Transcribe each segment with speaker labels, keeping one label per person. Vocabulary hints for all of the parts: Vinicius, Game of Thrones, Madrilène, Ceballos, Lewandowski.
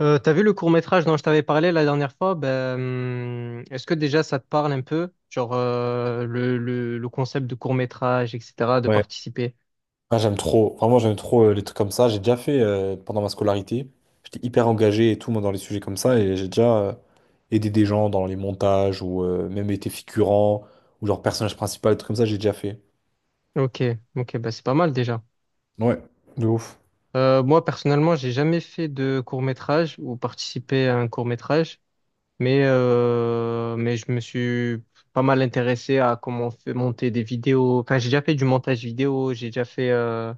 Speaker 1: T'as vu le court-métrage dont je t'avais parlé la dernière fois? Est-ce que déjà ça te parle un peu? Genre le concept de court-métrage, etc., de
Speaker 2: Ouais.
Speaker 1: participer.
Speaker 2: Ah, j'aime trop. Vraiment, j'aime trop les trucs comme ça. J'ai déjà fait pendant ma scolarité. J'étais hyper engagé et tout, moi, dans les sujets comme ça. Et j'ai déjà aidé des gens dans les montages ou même été figurant ou genre personnage principal, des trucs comme ça, j'ai déjà fait.
Speaker 1: Ok, ok, bah c'est pas mal déjà.
Speaker 2: Ouais, de ouf.
Speaker 1: Moi personnellement, j'ai jamais fait de court-métrage ou participé à un court-métrage, mais je me suis pas mal intéressé à comment on fait monter des vidéos. Enfin, j'ai déjà fait du montage vidéo, j'ai déjà fait euh,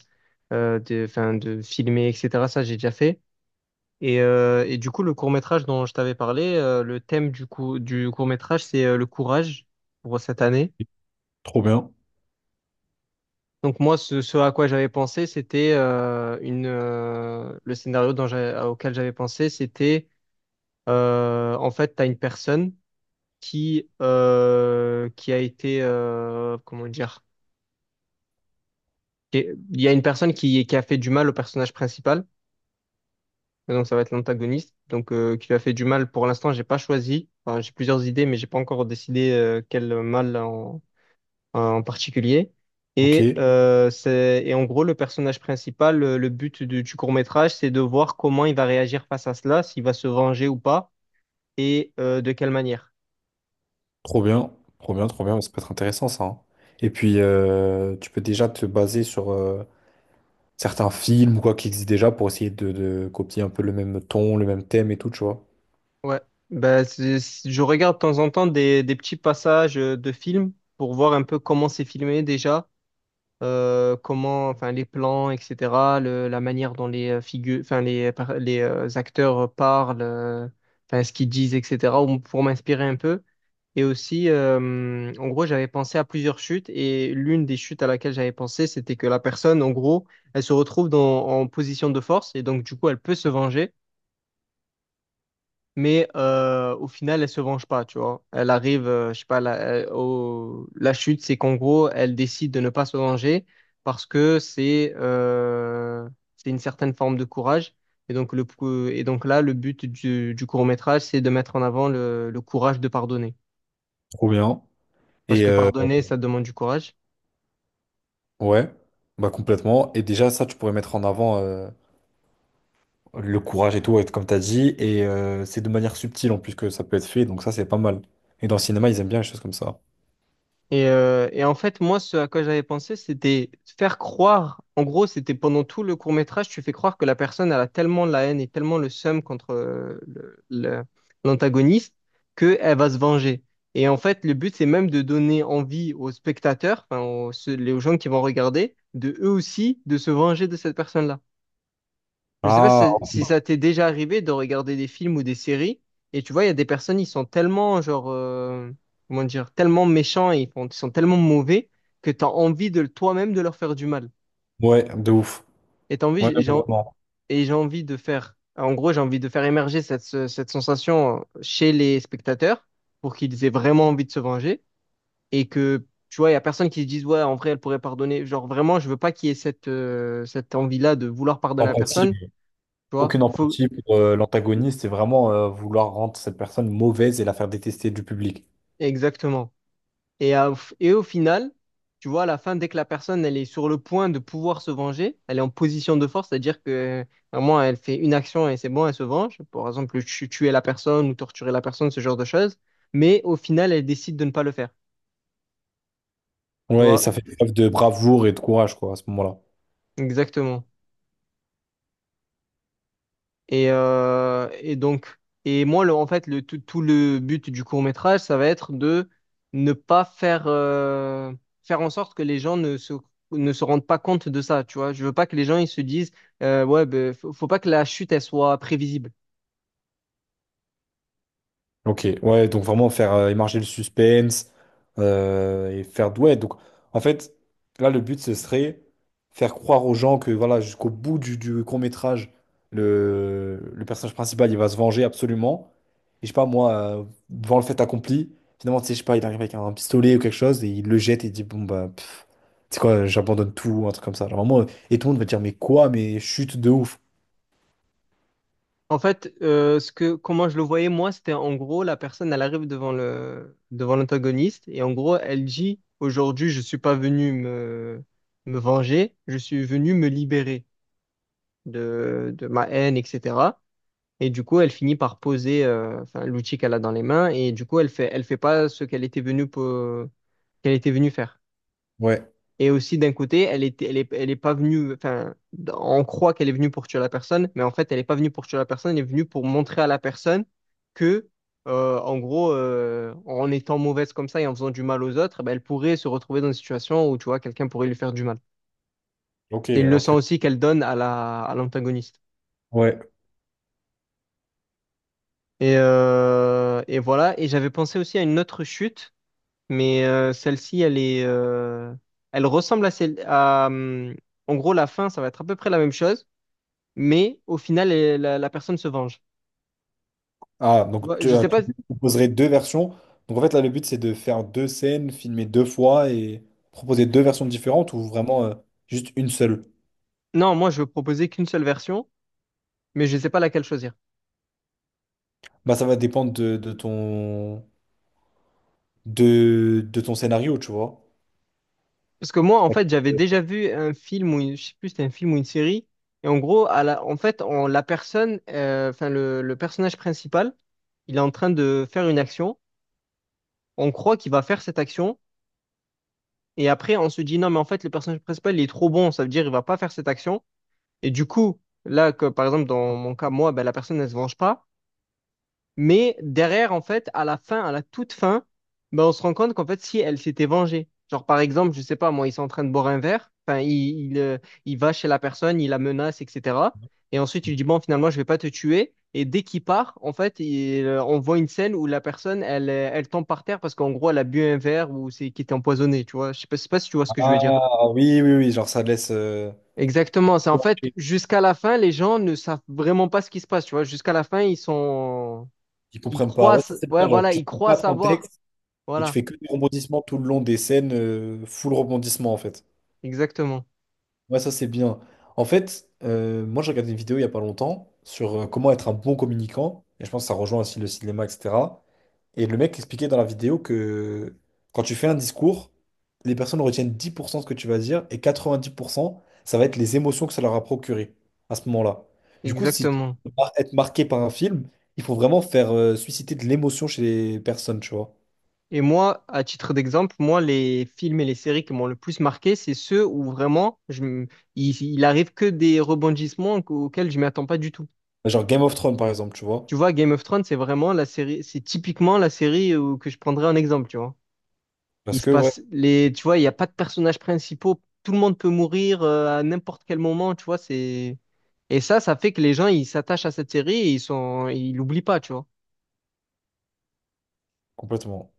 Speaker 1: euh, enfin, de filmer, etc. Ça, j'ai déjà fait. Et du coup, le court-métrage dont je t'avais parlé, le thème du coup, du court-métrage, c'est le courage pour cette année.
Speaker 2: Trop bien.
Speaker 1: Donc moi, ce à quoi j'avais pensé, c'était une le scénario dont j'ai- auquel j'avais pensé, c'était en fait, tu as une personne qui a été comment dire, il y a une personne qui a fait du mal au personnage principal. Et donc ça va être l'antagoniste, qui lui a fait du mal. Pour l'instant, j'ai pas choisi. Enfin, j'ai plusieurs idées, mais j'ai pas encore décidé quel mal en, en particulier.
Speaker 2: Ok,
Speaker 1: Et en gros le personnage principal, le but du court-métrage, c'est de voir comment il va réagir face à cela, s'il va se venger ou pas, et de quelle manière.
Speaker 2: trop bien, trop bien, trop bien. Ça peut être intéressant, ça, hein. Et puis, tu peux déjà te baser sur certains films ou quoi qui existent déjà pour essayer de copier un peu le même ton, le même thème et tout, tu vois.
Speaker 1: Ouais. Je regarde de temps en temps des petits passages de films pour voir un peu comment c'est filmé déjà comment, enfin, les plans, etc., la manière dont les figures, enfin, les, par- les acteurs parlent, enfin, ce qu'ils disent, etc., ou- pour m'inspirer un peu. Et aussi, en gros, j'avais pensé à plusieurs chutes et l'une des chutes à laquelle j'avais pensé, c'était que la personne, en gros, elle se retrouve dans, en position de force et donc, du coup, elle peut se venger mais au final, elle se venge pas, tu vois. Elle arrive, je sais pas, la chute, c'est qu'en gros, elle décide de ne pas se venger parce que c'est une certaine forme de courage. Et donc, là, le but du court-métrage, c'est de mettre en avant le courage de pardonner.
Speaker 2: Trop bien.
Speaker 1: Parce
Speaker 2: Et
Speaker 1: que pardonner, ça demande du courage.
Speaker 2: ouais, bah complètement. Et déjà, ça, tu pourrais mettre en avant le courage et tout, et comme t'as dit. Et c'est de manière subtile en plus que ça peut être fait, donc ça, c'est pas mal. Et dans le cinéma, ils aiment bien les choses comme ça.
Speaker 1: Et en fait, moi, ce à quoi j'avais pensé, c'était faire croire, en gros, c'était pendant tout le court-métrage, tu fais croire que la personne, elle a tellement la haine et tellement le seum contre l'antagoniste qu'elle va se venger. Et en fait, le but, c'est même de donner envie aux spectateurs, enfin, aux gens qui vont regarder, de eux aussi, de se venger de cette personne-là. Je sais pas
Speaker 2: Ah,
Speaker 1: si, si ça t'est déjà arrivé de regarder des films ou des séries, et tu vois, il y a des personnes, ils sont tellement, comment dire, tellement méchants, et ils sont tellement mauvais que t'as envie de toi-même de leur faire du mal.
Speaker 2: ouais, de ouf.
Speaker 1: Et t'as envie,
Speaker 2: Ouais,
Speaker 1: j'ai, j'ai
Speaker 2: ouais,
Speaker 1: en-
Speaker 2: vraiment.
Speaker 1: et j'ai envie de faire, en gros, j'ai envie de faire émerger cette sensation chez les spectateurs pour qu'ils aient vraiment envie de se venger, et que, tu vois, il y a personne qui se dise, ouais, en vrai, elle pourrait pardonner. Genre, vraiment, je veux pas qu'il y ait cette envie-là de vouloir pardonner à
Speaker 2: Empathie,
Speaker 1: personne, tu vois.
Speaker 2: aucune empathie pour l'antagoniste, c'est vraiment vouloir rendre cette personne mauvaise et la faire détester du public.
Speaker 1: Exactement. Et, à- et au final, tu vois, à la fin, dès que la personne, elle est sur le point de pouvoir se venger, elle est en position de force, c'est-à-dire que vraiment, elle fait une action et c'est bon, elle se venge. Par exemple, tuer la personne ou torturer la personne, ce genre de choses. Mais au final, elle décide de ne pas le faire. Tu
Speaker 2: Ouais, et ça
Speaker 1: vois,
Speaker 2: fait preuve de bravoure et de courage, quoi, à ce moment-là.
Speaker 1: exactement. Et, euh, et donc, et moi, en fait, tout le but du court-métrage, ça va être de ne pas faire, faire en sorte que les gens ne se rendent pas compte de ça, tu vois. Je veux pas que les gens, ils se disent, ouais, ben, faut pas que la chute, elle soit prévisible.
Speaker 2: Ok, ouais, donc vraiment faire émarger le suspense et faire ouais, donc en fait là le but ce serait faire croire aux gens que voilà jusqu'au bout du court-métrage le personnage principal il va se venger absolument et je sais pas moi, euh, devant le fait accompli, finalement tu sais je sais pas, il arrive avec un pistolet ou quelque chose et il le jette et il dit bon bah pff, tu sais quoi j'abandonne, tout un truc comme ça, genre vraiment et tout le monde va dire mais quoi, mais chute de ouf.
Speaker 1: En fait, ce que, comment je le voyais, moi, c'était en gros, la personne, elle arrive devant devant l'antagoniste et en gros, elle dit, aujourd'hui, je suis pas venu me, me venger, je suis venu me libérer de ma haine, etc. Et du coup, elle finit par poser enfin, l'outil qu'elle a dans les mains. Et du coup, elle fait pas ce qu'elle était qu'elle était venue faire.
Speaker 2: Ouais,
Speaker 1: Et aussi, d'un côté, elle est pas venue. Enfin, on croit qu'elle est venue pour tuer la personne, mais en fait, elle est pas venue pour tuer la personne. Elle est venue pour montrer à la personne que, en gros, en étant mauvaise comme ça et en faisant du mal aux autres, ben, elle pourrait se retrouver dans une situation où, tu vois, quelqu'un pourrait lui faire du mal.
Speaker 2: ok,
Speaker 1: C'est une
Speaker 2: ok,
Speaker 1: leçon aussi qu'elle donne à la, à l'antagoniste.
Speaker 2: ouais.
Speaker 1: Et voilà. Et j'avais pensé aussi à une autre chute. Mais celle-ci, elle ressemble à en gros, la fin, ça va être à peu près la même chose, mais au final, la personne se venge.
Speaker 2: Ah,
Speaker 1: Tu
Speaker 2: donc
Speaker 1: vois,
Speaker 2: tu,
Speaker 1: je sais pas.
Speaker 2: tu proposerais deux versions. Donc en fait, là, le but, c'est de faire deux scènes, filmer deux fois et proposer deux versions différentes, ou vraiment juste une seule.
Speaker 1: Non, moi, je veux proposer qu'une seule version, mais je sais pas laquelle choisir.
Speaker 2: Bah, ça va dépendre de ton, de ton scénario, tu vois.
Speaker 1: Parce que moi, en fait, j'avais déjà vu un film ou je sais plus, c'était un film ou une série, et en gros, à la, en fait, on, la personne, enfin, le personnage principal, il est en train de faire une action. On croit qu'il va faire cette action. Et après, on se dit, non, mais en fait, le personnage principal, il est trop bon, ça veut dire il va pas faire cette action. Et du coup, là, que, par exemple, dans mon cas, moi, ben, la personne, elle se venge pas. Mais derrière, en fait, à la fin, à la toute fin, ben, on se rend compte qu'en fait, si elle s'était vengée, genre par exemple, je sais pas, moi, ils sont en train de boire un verre, enfin, il, euh, il va chez la personne, il la menace, etc. Et ensuite, il lui dit, bon, finalement, je vais pas te tuer. Et dès qu'il part, en fait, on voit une scène où la personne, elle tombe par terre parce qu'en gros, elle a bu un verre ou c'est qui était empoisonné, tu vois. Je sais pas si tu vois ce que je veux dire.
Speaker 2: Ah oui, oui, oui, genre ça laisse,
Speaker 1: Exactement, c'est en fait jusqu'à la fin, les gens ne savent vraiment pas ce qui se passe, tu vois. Jusqu'à la fin,
Speaker 2: ils
Speaker 1: ils
Speaker 2: comprennent pas.
Speaker 1: croient,
Speaker 2: Ouais, ça c'est
Speaker 1: ouais,
Speaker 2: bien, genre
Speaker 1: voilà,
Speaker 2: tu
Speaker 1: ils
Speaker 2: ne
Speaker 1: croient
Speaker 2: pas ton
Speaker 1: savoir.
Speaker 2: texte et tu
Speaker 1: Voilà,
Speaker 2: fais que des rebondissements tout le long des scènes, full rebondissement en fait.
Speaker 1: exactement,
Speaker 2: Ouais, ça c'est bien. En fait, moi j'ai regardé une vidéo il y a pas longtemps sur comment être un bon communicant, et je pense que ça rejoint aussi le cinéma, etc. Et le mec expliquait dans la vidéo que quand tu fais un discours, les personnes retiennent 10% de ce que tu vas dire, et 90%, ça va être les émotions que ça leur a procuré à ce moment-là. Du coup, si tu
Speaker 1: exactement.
Speaker 2: veux mar- être marqué par un film, il faut vraiment faire susciter de l'émotion chez les personnes, tu vois.
Speaker 1: Et moi, à titre d'exemple, moi, les films et les séries qui m'ont le plus marqué, c'est ceux où vraiment, il arrive que des rebondissements auxquels je m'attends pas du tout.
Speaker 2: Genre Game of Thrones, par exemple, tu vois.
Speaker 1: Tu vois, Game of Thrones, c'est vraiment la série, c'est typiquement la série que je prendrais en exemple, tu vois.
Speaker 2: Parce
Speaker 1: Il se
Speaker 2: que, ouais,
Speaker 1: passe les, tu vois, il n'y a pas de personnages principaux. Tout le monde peut mourir à n'importe quel moment, tu vois. C'est et ça fait que les gens ils s'attachent à cette série et ils l'oublient pas, tu vois.
Speaker 2: complètement.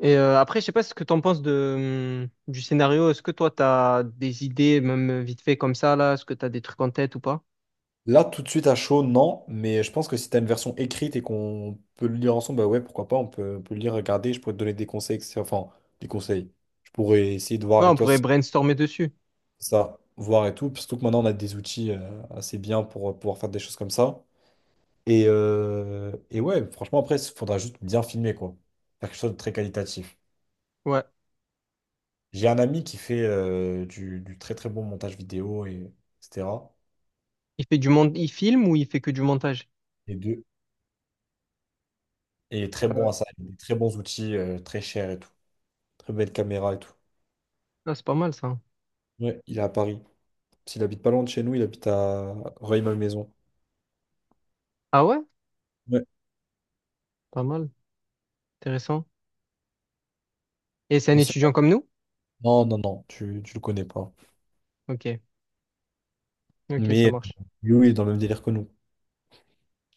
Speaker 1: Après, je sais pas ce que t'en penses de du scénario. Est-ce que toi t'as des idées, même vite fait comme ça là? Est-ce que t'as des trucs en tête ou pas?
Speaker 2: Là, tout de suite à chaud, non, mais je pense que si tu as une version écrite et qu'on peut le lire ensemble, bah ouais, pourquoi pas, on peut le lire, regarder, je pourrais te donner des conseils, etc. Enfin, des conseils. Je pourrais essayer de voir
Speaker 1: Ouais,
Speaker 2: avec
Speaker 1: on
Speaker 2: toi
Speaker 1: pourrait
Speaker 2: si
Speaker 1: brainstormer dessus.
Speaker 2: ça, voir et tout, surtout que maintenant on a des outils assez bien pour pouvoir faire des choses comme ça. Et ouais, franchement, après, il faudra juste bien filmer, quoi. Faire quelque chose de très qualitatif.
Speaker 1: Ouais.
Speaker 2: J'ai un ami qui fait du très très bon montage vidéo, et, etc.
Speaker 1: Il fait du monde, il filme ou il fait que du montage?
Speaker 2: Et, de, et très bon
Speaker 1: Euh,
Speaker 2: à ça, il a des très bons outils, très chers et tout. Très belle caméra et tout.
Speaker 1: Ah, c'est pas mal ça.
Speaker 2: Ouais, il est à Paris. S'il habite pas loin de chez nous, il habite à Rueil-Malmaison.
Speaker 1: Ah ouais?
Speaker 2: Ouais.
Speaker 1: Pas mal. Intéressant. Et c'est un
Speaker 2: Mais c'est...
Speaker 1: étudiant comme nous?
Speaker 2: Non, non, non, tu le connais pas.
Speaker 1: Ok. Ok, ça
Speaker 2: Mais
Speaker 1: marche.
Speaker 2: lui, oui, il est dans le même délire que nous.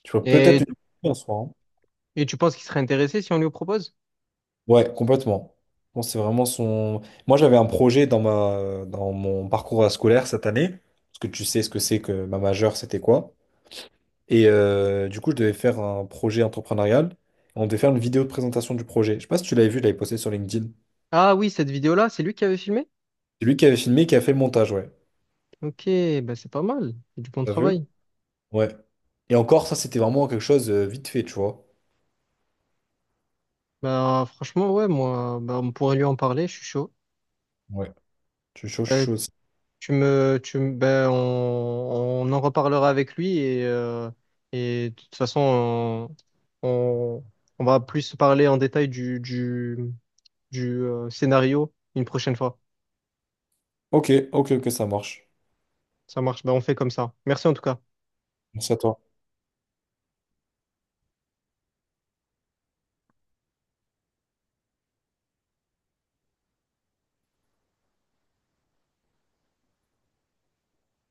Speaker 2: Tu vois, peut-être
Speaker 1: Et
Speaker 2: lui en soi, hein.
Speaker 1: Et tu penses qu'il serait intéressé si on lui propose?
Speaker 2: Ouais, complètement. Bon, c'est vraiment son... Moi, j'avais un projet dans ma... dans mon parcours scolaire cette année, parce que tu sais ce que c'est que ma majeure, c'était quoi. Et du coup, je devais faire un projet entrepreneurial. On devait faire une vidéo de présentation du projet. Je sais pas si tu l'avais vu, je l'avais posté sur LinkedIn.
Speaker 1: Ah oui, cette vidéo-là, c'est lui qui avait filmé?
Speaker 2: C'est lui qui avait filmé, qui a fait le montage, ouais.
Speaker 1: Ok, bah c'est pas mal, c'est du bon
Speaker 2: T'as vu?
Speaker 1: travail.
Speaker 2: Ouais. Et encore, ça, c'était vraiment quelque chose vite fait, tu vois.
Speaker 1: Bah franchement, ouais, moi, bah, on pourrait lui en parler, je suis chaud.
Speaker 2: Ouais. Tu chaud, je suis
Speaker 1: Euh,
Speaker 2: chaud aussi.
Speaker 1: bah, on en reparlera avec lui et de toute façon, on, on va plus parler en détail du scénario une prochaine fois.
Speaker 2: Ok, ok, ok, ça marche.
Speaker 1: Ça marche, ben on fait comme ça. Merci en tout cas.
Speaker 2: Merci à toi.